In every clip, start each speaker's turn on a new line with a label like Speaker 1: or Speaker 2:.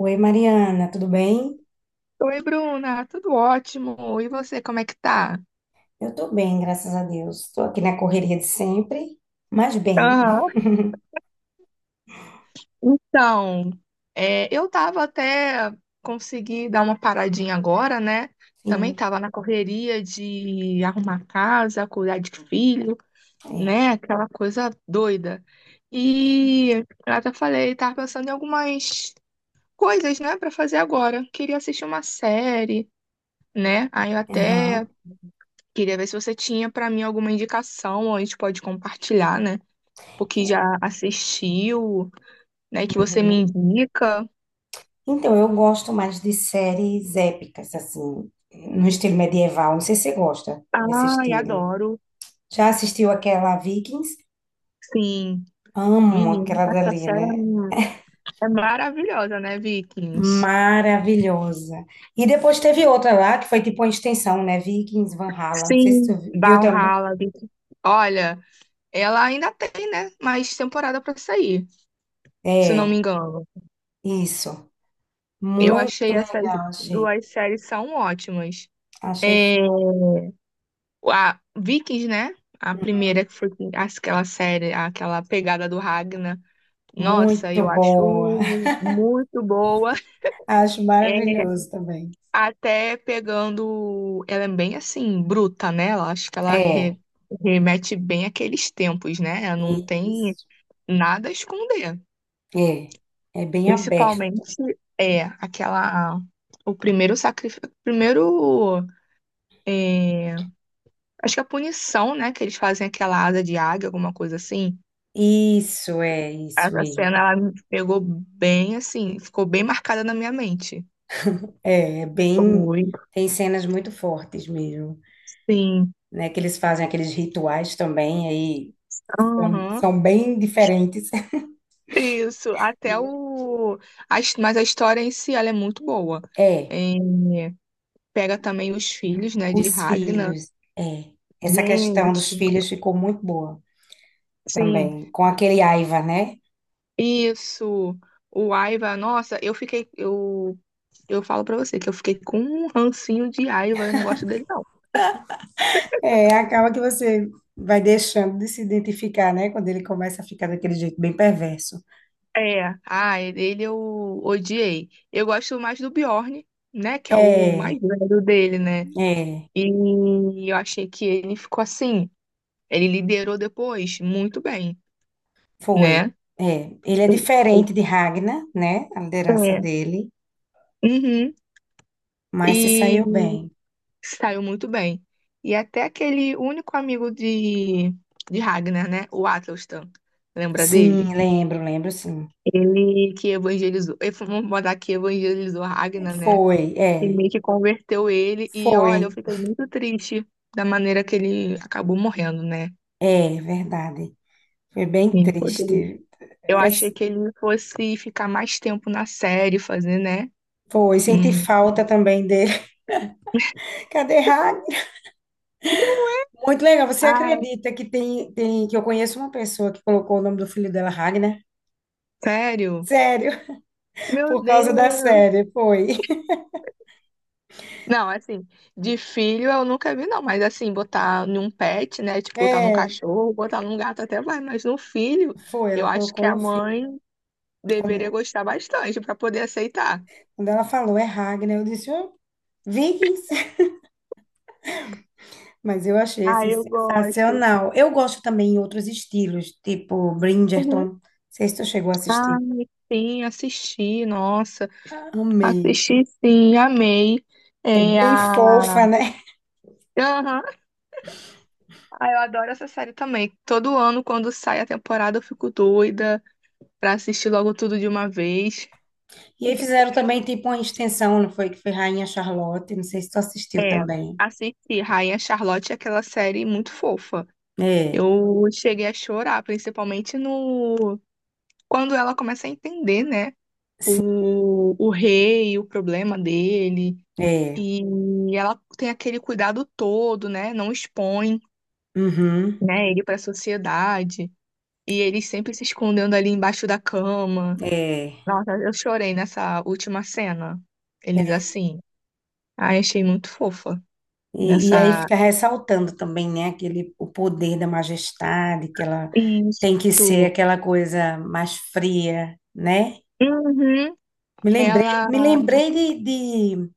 Speaker 1: Oi, Mariana, tudo bem?
Speaker 2: Oi, Bruna, tudo ótimo. E você, como é que tá?
Speaker 1: Eu tô bem, graças a Deus. Estou aqui na correria de sempre, mas bem.
Speaker 2: Aham. Então, eu tava até consegui dar uma paradinha agora, né? Também
Speaker 1: Sim,
Speaker 2: tava na correria de arrumar casa, cuidar de filho,
Speaker 1: é.
Speaker 2: né? Aquela coisa doida. E eu até falei, tava pensando em algumas coisas, né, pra fazer agora. Queria assistir uma série, né? Aí eu até
Speaker 1: Aham,
Speaker 2: queria ver se você tinha pra mim alguma indicação, ou a gente pode compartilhar, né? Porque já
Speaker 1: é,
Speaker 2: assistiu, né? Que você me
Speaker 1: uhum.
Speaker 2: indica.
Speaker 1: Então, eu gosto mais de séries épicas, assim, no estilo medieval. Não sei se você gosta desse
Speaker 2: Ai,
Speaker 1: estilo.
Speaker 2: adoro.
Speaker 1: Já assistiu aquela Vikings?
Speaker 2: Sim,
Speaker 1: Amo
Speaker 2: menina,
Speaker 1: aquela
Speaker 2: essa
Speaker 1: dali,
Speaker 2: série
Speaker 1: né?
Speaker 2: é mu- é maravilhosa, né, Vikings?
Speaker 1: Maravilhosa. E depois teve outra lá, que foi tipo uma extensão, né? Vikings, Valhalla. Não sei se
Speaker 2: Sim,
Speaker 1: tu viu também.
Speaker 2: Valhalla, Vikings. Olha, ela ainda tem, né, mais temporada pra sair, se não me
Speaker 1: É,
Speaker 2: engano.
Speaker 1: isso.
Speaker 2: Eu
Speaker 1: Muito
Speaker 2: achei essas
Speaker 1: legal, achei.
Speaker 2: duas séries são ótimas.
Speaker 1: Achei
Speaker 2: É, a Vikings, né? A primeira que aquela série, aquela pegada do Ragnar. Nossa,
Speaker 1: muito
Speaker 2: eu
Speaker 1: boa.
Speaker 2: acho muito boa.
Speaker 1: Acho
Speaker 2: É,
Speaker 1: maravilhoso também.
Speaker 2: até pegando. Ela é bem assim, bruta, né? Acho que
Speaker 1: É,
Speaker 2: remete bem àqueles tempos, né? Ela não tem
Speaker 1: isso.
Speaker 2: nada a esconder.
Speaker 1: É, é bem aberto.
Speaker 2: Principalmente é aquela. O primeiro sacrifício. Primeiro. é, Acho que a punição, né? Que eles fazem aquela asa de águia, alguma coisa assim.
Speaker 1: Isso, é isso
Speaker 2: Essa
Speaker 1: mesmo.
Speaker 2: cena, ela me pegou bem assim, ficou bem marcada na minha mente.
Speaker 1: É, é bem,
Speaker 2: Foi.
Speaker 1: tem cenas muito fortes mesmo,
Speaker 2: Sim.
Speaker 1: né? Que eles fazem aqueles rituais também, aí são,
Speaker 2: Uhum.
Speaker 1: são bem diferentes.
Speaker 2: Isso, até o. a his- Mas a história em si, ela é muito boa.
Speaker 1: É,
Speaker 2: É, pega também os filhos, né, de
Speaker 1: os
Speaker 2: Ragnar.
Speaker 1: filhos, é. Essa questão
Speaker 2: Gente,
Speaker 1: dos filhos ficou muito boa
Speaker 2: sim.
Speaker 1: também, com aquele Aiva, né?
Speaker 2: Isso. O Aiva, nossa, eu falo pra você que eu fiquei com um rancinho de Aiva, eu não gosto dele, não.
Speaker 1: É, acaba que você vai deixando de se identificar, né? Quando ele começa a ficar daquele jeito bem perverso.
Speaker 2: É, ele eu odiei. Eu gosto mais do Bjorn, né, que é o mais
Speaker 1: É,
Speaker 2: velho dele, né?
Speaker 1: é,
Speaker 2: E eu achei que ele ficou assim. Ele liderou depois muito bem,
Speaker 1: foi.
Speaker 2: né?
Speaker 1: É, ele é diferente de Ragnar, né? A liderança
Speaker 2: É.
Speaker 1: dele,
Speaker 2: Uhum.
Speaker 1: mas se
Speaker 2: E
Speaker 1: saiu bem.
Speaker 2: saiu muito bem. E até aquele único amigo de Ragnar, né? O Atelstan. Lembra
Speaker 1: Sim,
Speaker 2: dele?
Speaker 1: lembro, lembro, sim.
Speaker 2: Ele que evangelizou. Ele foi, vamos botar que evangelizou Ragnar, né?
Speaker 1: Foi,
Speaker 2: E
Speaker 1: é,
Speaker 2: meio que converteu ele. E olha, eu
Speaker 1: foi,
Speaker 2: fiquei muito triste da maneira que ele acabou morrendo, né?
Speaker 1: é, verdade. Foi bem
Speaker 2: Ele poderia.
Speaker 1: triste.
Speaker 2: Eu
Speaker 1: É,
Speaker 2: achei que ele fosse ficar mais tempo na série, fazer, né?
Speaker 1: foi, senti
Speaker 2: Hum.
Speaker 1: falta também dele. Cadê Ragnar? Muito legal. Você acredita que tem que eu conheço uma pessoa que colocou o nome do filho dela Ragnar?
Speaker 2: Sério?
Speaker 1: Sério,
Speaker 2: Meu
Speaker 1: por causa da
Speaker 2: Deus!
Speaker 1: série, foi.
Speaker 2: Não, assim, de filho eu nunca vi, não, mas assim, botar num pet, né? Tipo, botar num
Speaker 1: É,
Speaker 2: cachorro, botar num gato até vai, mas no filho,
Speaker 1: foi, ela
Speaker 2: eu acho que
Speaker 1: colocou
Speaker 2: a
Speaker 1: no fim.
Speaker 2: mãe deveria
Speaker 1: Quando,
Speaker 2: gostar bastante pra poder aceitar.
Speaker 1: quando ela falou é Ragnar, eu disse, oh, Vikings. Mas eu achei,
Speaker 2: Ah,
Speaker 1: assim,
Speaker 2: eu gosto.
Speaker 1: sensacional. Eu gosto também em outros estilos, tipo Bridgerton.
Speaker 2: Uhum.
Speaker 1: Não sei se tu chegou a
Speaker 2: Ah,
Speaker 1: assistir.
Speaker 2: sim, assisti, nossa,
Speaker 1: Amei.
Speaker 2: assisti sim, amei.
Speaker 1: É
Speaker 2: É
Speaker 1: bem
Speaker 2: a.
Speaker 1: fofa, né?
Speaker 2: Aham. Ah, eu adoro essa série também. Todo ano, quando sai a temporada, eu fico doida pra assistir logo tudo de uma vez.
Speaker 1: E aí fizeram também, tipo, uma extensão, não foi? Que foi Rainha Charlotte. Não sei se tu assistiu
Speaker 2: É,
Speaker 1: também.
Speaker 2: assisti Rainha Charlotte, é aquela série muito fofa.
Speaker 1: É,
Speaker 2: Eu cheguei a chorar, principalmente no quando ela começa a entender, né,
Speaker 1: sim,
Speaker 2: o rei, o problema dele,
Speaker 1: é.
Speaker 2: e ela tem aquele cuidado todo, né, não expõe,
Speaker 1: Uhum,
Speaker 2: né, ele para a sociedade, e ele sempre se escondendo ali embaixo da cama.
Speaker 1: é.
Speaker 2: Nossa, eu chorei nessa última cena. Eles assim, ai, achei muito fofa
Speaker 1: E aí
Speaker 2: nessa.
Speaker 1: fica ressaltando também, né, aquele, o poder da majestade, que ela tem que ser
Speaker 2: Isso.
Speaker 1: aquela coisa mais fria, né?
Speaker 2: Uhum.
Speaker 1: Me lembrei,
Speaker 2: Ela,
Speaker 1: me lembrei de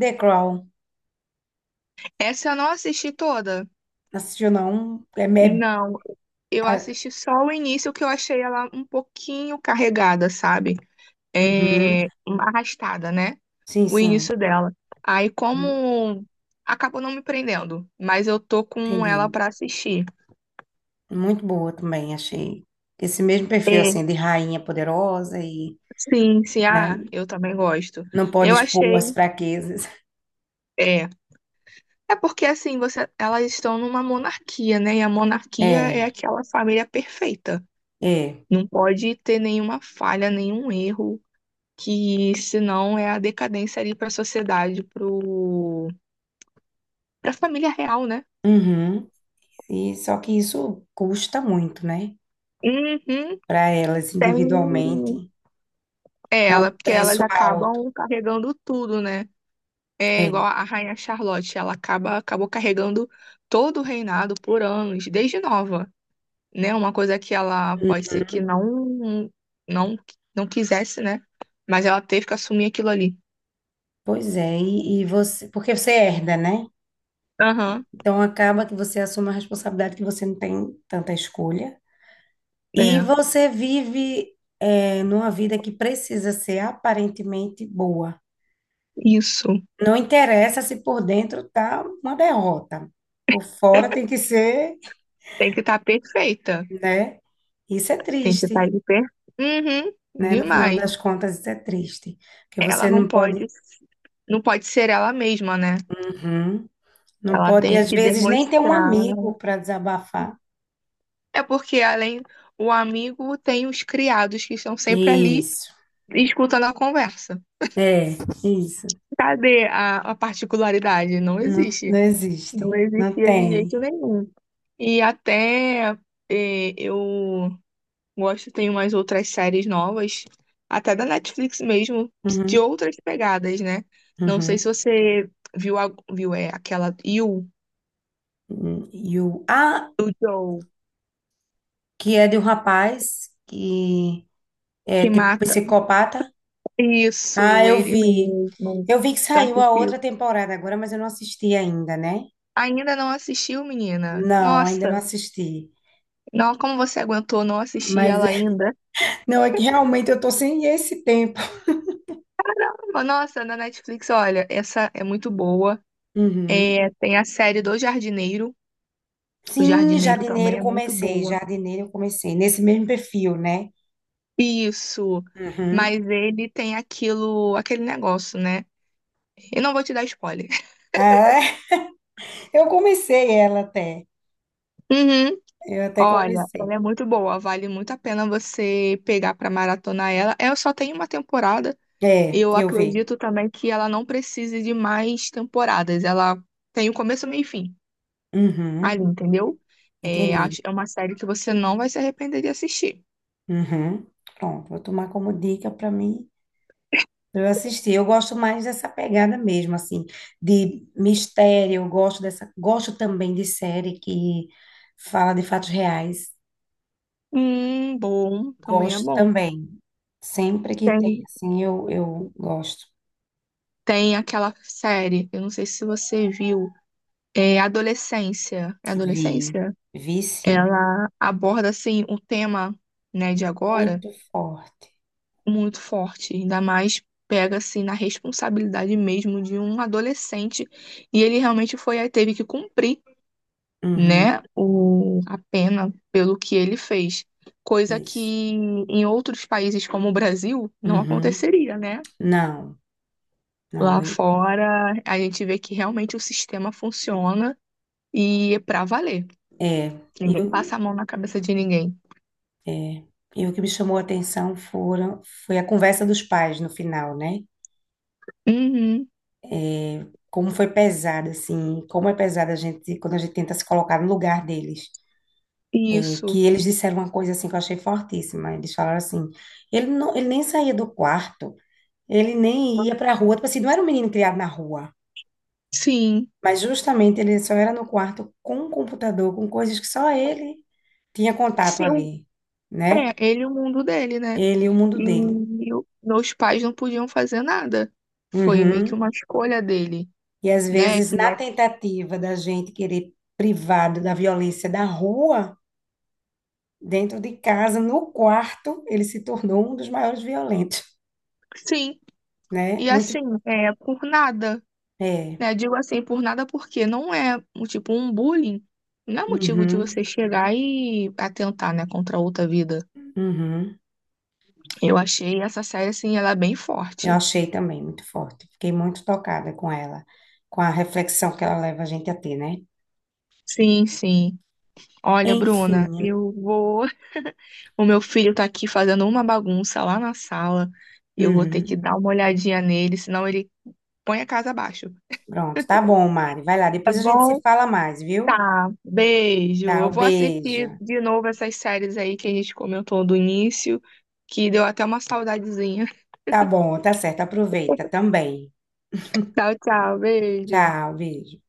Speaker 1: The Crown.
Speaker 2: essa eu não assisti toda.
Speaker 1: Assistiu, não? É, me-
Speaker 2: Não, eu
Speaker 1: ah,
Speaker 2: assisti só o início, que eu achei ela um pouquinho carregada, sabe?
Speaker 1: uhum,
Speaker 2: Arrastada, né?
Speaker 1: sim,
Speaker 2: O
Speaker 1: sim.
Speaker 2: início dela. Aí
Speaker 1: Uhum,
Speaker 2: como acabou não me prendendo, mas eu tô com ela
Speaker 1: entendi.
Speaker 2: pra assistir.
Speaker 1: Muito boa também, achei. Esse mesmo perfil,
Speaker 2: É.
Speaker 1: assim, de rainha poderosa e,
Speaker 2: Sim, sim,
Speaker 1: né,
Speaker 2: ah, eu também gosto.
Speaker 1: não pode
Speaker 2: Eu
Speaker 1: expor as
Speaker 2: achei,
Speaker 1: fraquezas.
Speaker 2: é, é porque assim, você, elas estão numa monarquia, né? E a monarquia é
Speaker 1: É,
Speaker 2: aquela família perfeita.
Speaker 1: é.
Speaker 2: Não pode ter nenhuma falha, nenhum erro. Que senão é a decadência ali para a sociedade, pro para a família real, né?
Speaker 1: Uhum. E só que isso custa muito, né?
Speaker 2: Uhum,
Speaker 1: Para elas
Speaker 2: tem.
Speaker 1: individualmente.
Speaker 2: É
Speaker 1: É um
Speaker 2: ela, porque elas
Speaker 1: preço alto.
Speaker 2: acabam carregando tudo, né? É
Speaker 1: É,
Speaker 2: igual a Rainha Charlotte, ela acaba acabou carregando todo o reinado por anos, desde nova, né? Uma coisa que ela pode ser que não não quisesse, né? Mas ela teve que assumir aquilo ali.
Speaker 1: pois é, e você, porque você herda, né?
Speaker 2: Aham,
Speaker 1: Então acaba que você assume a responsabilidade que você não tem tanta escolha. E
Speaker 2: é.
Speaker 1: você vive é, numa vida que precisa ser aparentemente boa.
Speaker 2: Isso.
Speaker 1: Não interessa se por dentro tá uma derrota. Por fora tem que ser,
Speaker 2: Tem que estar perfeita.
Speaker 1: né? Isso é
Speaker 2: Tem que estar
Speaker 1: triste,
Speaker 2: de perto. Uhum,
Speaker 1: né? No final
Speaker 2: demais.
Speaker 1: das contas, isso é triste. Porque
Speaker 2: Ela
Speaker 1: você
Speaker 2: não
Speaker 1: não
Speaker 2: pode,
Speaker 1: pode.
Speaker 2: não pode ser ela mesma, né?
Speaker 1: Uhum. Não
Speaker 2: Ela
Speaker 1: pode,
Speaker 2: tem
Speaker 1: às
Speaker 2: que
Speaker 1: vezes, nem ter um
Speaker 2: demonstrar.
Speaker 1: amigo para desabafar.
Speaker 2: É porque além o amigo tem os criados que estão sempre ali
Speaker 1: Isso.
Speaker 2: escutando a conversa.
Speaker 1: É, isso.
Speaker 2: Cadê a particularidade? Não
Speaker 1: Não, não
Speaker 2: existe.
Speaker 1: existe.
Speaker 2: Não
Speaker 1: Não
Speaker 2: existia de jeito
Speaker 1: tem.
Speaker 2: nenhum. E até eh, eu Gosto, tem umas outras séries novas, até da Netflix mesmo, de
Speaker 1: Uhum,
Speaker 2: outras pegadas, né? Não sei se
Speaker 1: uhum.
Speaker 2: você viu, aquela You,
Speaker 1: E o ah,
Speaker 2: do Joe,
Speaker 1: que é de um rapaz que é
Speaker 2: que
Speaker 1: tipo
Speaker 2: mata.
Speaker 1: psicopata. Ah,
Speaker 2: Isso,
Speaker 1: eu
Speaker 2: ele
Speaker 1: vi.
Speaker 2: mesmo.
Speaker 1: Eu vi que
Speaker 2: Eu
Speaker 1: saiu a
Speaker 2: assisti.
Speaker 1: outra temporada agora, mas eu não assisti ainda, né?
Speaker 2: Ainda não assistiu, menina?
Speaker 1: Não, ainda
Speaker 2: Nossa,
Speaker 1: não assisti.
Speaker 2: não, como você aguentou não assistir
Speaker 1: Mas
Speaker 2: ela ainda?
Speaker 1: não, é que realmente eu tô sem esse tempo.
Speaker 2: Caramba, nossa, na Netflix, olha, essa é muito boa.
Speaker 1: Uhum.
Speaker 2: É, tem a série do Jardineiro. O
Speaker 1: Sim,
Speaker 2: Jardineiro também
Speaker 1: jardineiro
Speaker 2: é muito
Speaker 1: comecei,
Speaker 2: boa.
Speaker 1: jardineiro eu comecei, nesse mesmo perfil, né?
Speaker 2: Isso.
Speaker 1: Uhum.
Speaker 2: Mas ele tem aquilo, aquele negócio, né? Eu não vou te dar spoiler.
Speaker 1: Ah, eu comecei ela até,
Speaker 2: Uhum.
Speaker 1: eu até
Speaker 2: Olha, ela
Speaker 1: comecei.
Speaker 2: é muito boa, vale muito a pena você pegar pra maratonar ela. Eu só tenho uma temporada.
Speaker 1: É,
Speaker 2: Eu
Speaker 1: eu vi.
Speaker 2: acredito também que ela não precise de mais temporadas. Ela tem o começo, meio e fim
Speaker 1: Uhum,
Speaker 2: ali, entendeu?
Speaker 1: entendi.
Speaker 2: É uma série que você não vai se arrepender de assistir.
Speaker 1: Uhum. Pronto, vou tomar como dica para mim, pra eu assistir. Eu gosto mais dessa pegada mesmo, assim, de mistério, eu gosto dessa, gosto também de série que fala de fatos reais,
Speaker 2: Bom, também é
Speaker 1: gosto
Speaker 2: bom.
Speaker 1: também. Sempre que tem,
Speaker 2: Tem,
Speaker 1: assim, eu gosto.
Speaker 2: tem aquela série, eu não sei se você viu. É
Speaker 1: Vi,
Speaker 2: adolescência?
Speaker 1: vi sim.
Speaker 2: Ela aborda, assim, um tema, né, de agora
Speaker 1: Muito forte.
Speaker 2: muito forte. Ainda mais pega, assim, na responsabilidade mesmo de um adolescente. E ele realmente foi, teve que cumprir,
Speaker 1: Uhum,
Speaker 2: né, a pena pelo que ele fez. Coisa que
Speaker 1: isso.
Speaker 2: em outros países como o Brasil não
Speaker 1: Uhum.
Speaker 2: aconteceria, né?
Speaker 1: Não, não.
Speaker 2: Lá fora, a gente vê que realmente o sistema funciona e é pra valer.
Speaker 1: E
Speaker 2: Ninguém
Speaker 1: o
Speaker 2: passa a mão na cabeça de ninguém.
Speaker 1: e o que me chamou a atenção foram, foi a conversa dos pais no final, né?
Speaker 2: Uhum,
Speaker 1: Como foi pesada, assim, como é pesada a gente, quando a gente tenta se colocar no lugar deles. É
Speaker 2: isso.
Speaker 1: que eles disseram uma coisa, assim, que eu achei fortíssima. Eles falaram assim, ele, não, ele nem saía do quarto, ele nem ia para a rua. Tipo assim, não era um menino criado na rua.
Speaker 2: Sim.
Speaker 1: Mas justamente ele só era no quarto com o computador, com coisas que só ele tinha contato
Speaker 2: Sim, o-
Speaker 1: ali, né?
Speaker 2: É, ele e o mundo dele, né?
Speaker 1: Ele e o mundo dele.
Speaker 2: Meus pais não podiam fazer nada. Foi meio que
Speaker 1: Uhum.
Speaker 2: uma escolha dele,
Speaker 1: E às
Speaker 2: né?
Speaker 1: vezes,
Speaker 2: Que
Speaker 1: na
Speaker 2: é.
Speaker 1: tentativa da gente querer privado da violência da rua, dentro de casa, no quarto, ele se tornou um dos maiores violentos,
Speaker 2: Sim.
Speaker 1: né?
Speaker 2: E
Speaker 1: Muito.
Speaker 2: assim, é por nada,
Speaker 1: É.
Speaker 2: né? Digo assim, por nada porque não é, um tipo, um bullying. Não é motivo de
Speaker 1: Uhum.
Speaker 2: você chegar e atentar, né, contra outra vida.
Speaker 1: Uhum.
Speaker 2: Eu achei essa série, assim, ela é bem
Speaker 1: Eu
Speaker 2: forte.
Speaker 1: achei também muito forte. Fiquei muito tocada com ela, com a reflexão que ela leva a gente a ter, né?
Speaker 2: Sim, sim. Olha, Bruna,
Speaker 1: Enfim.
Speaker 2: eu vou. O meu filho tá aqui fazendo uma bagunça lá na sala. Eu vou ter que
Speaker 1: Uhum.
Speaker 2: dar uma olhadinha nele, senão ele põe a casa abaixo.
Speaker 1: Pronto, tá bom, Mari. Vai lá,
Speaker 2: Tá
Speaker 1: depois a gente se
Speaker 2: bom?
Speaker 1: fala mais, viu?
Speaker 2: Tá. Beijo. Eu
Speaker 1: Tchau,
Speaker 2: vou assistir
Speaker 1: beijo.
Speaker 2: de novo essas séries aí que a gente comentou do início, que deu até uma saudadezinha.
Speaker 1: Tá bom, tá certo, aproveita também.
Speaker 2: Tchau, tchau. Beijo.
Speaker 1: Tchau, beijo.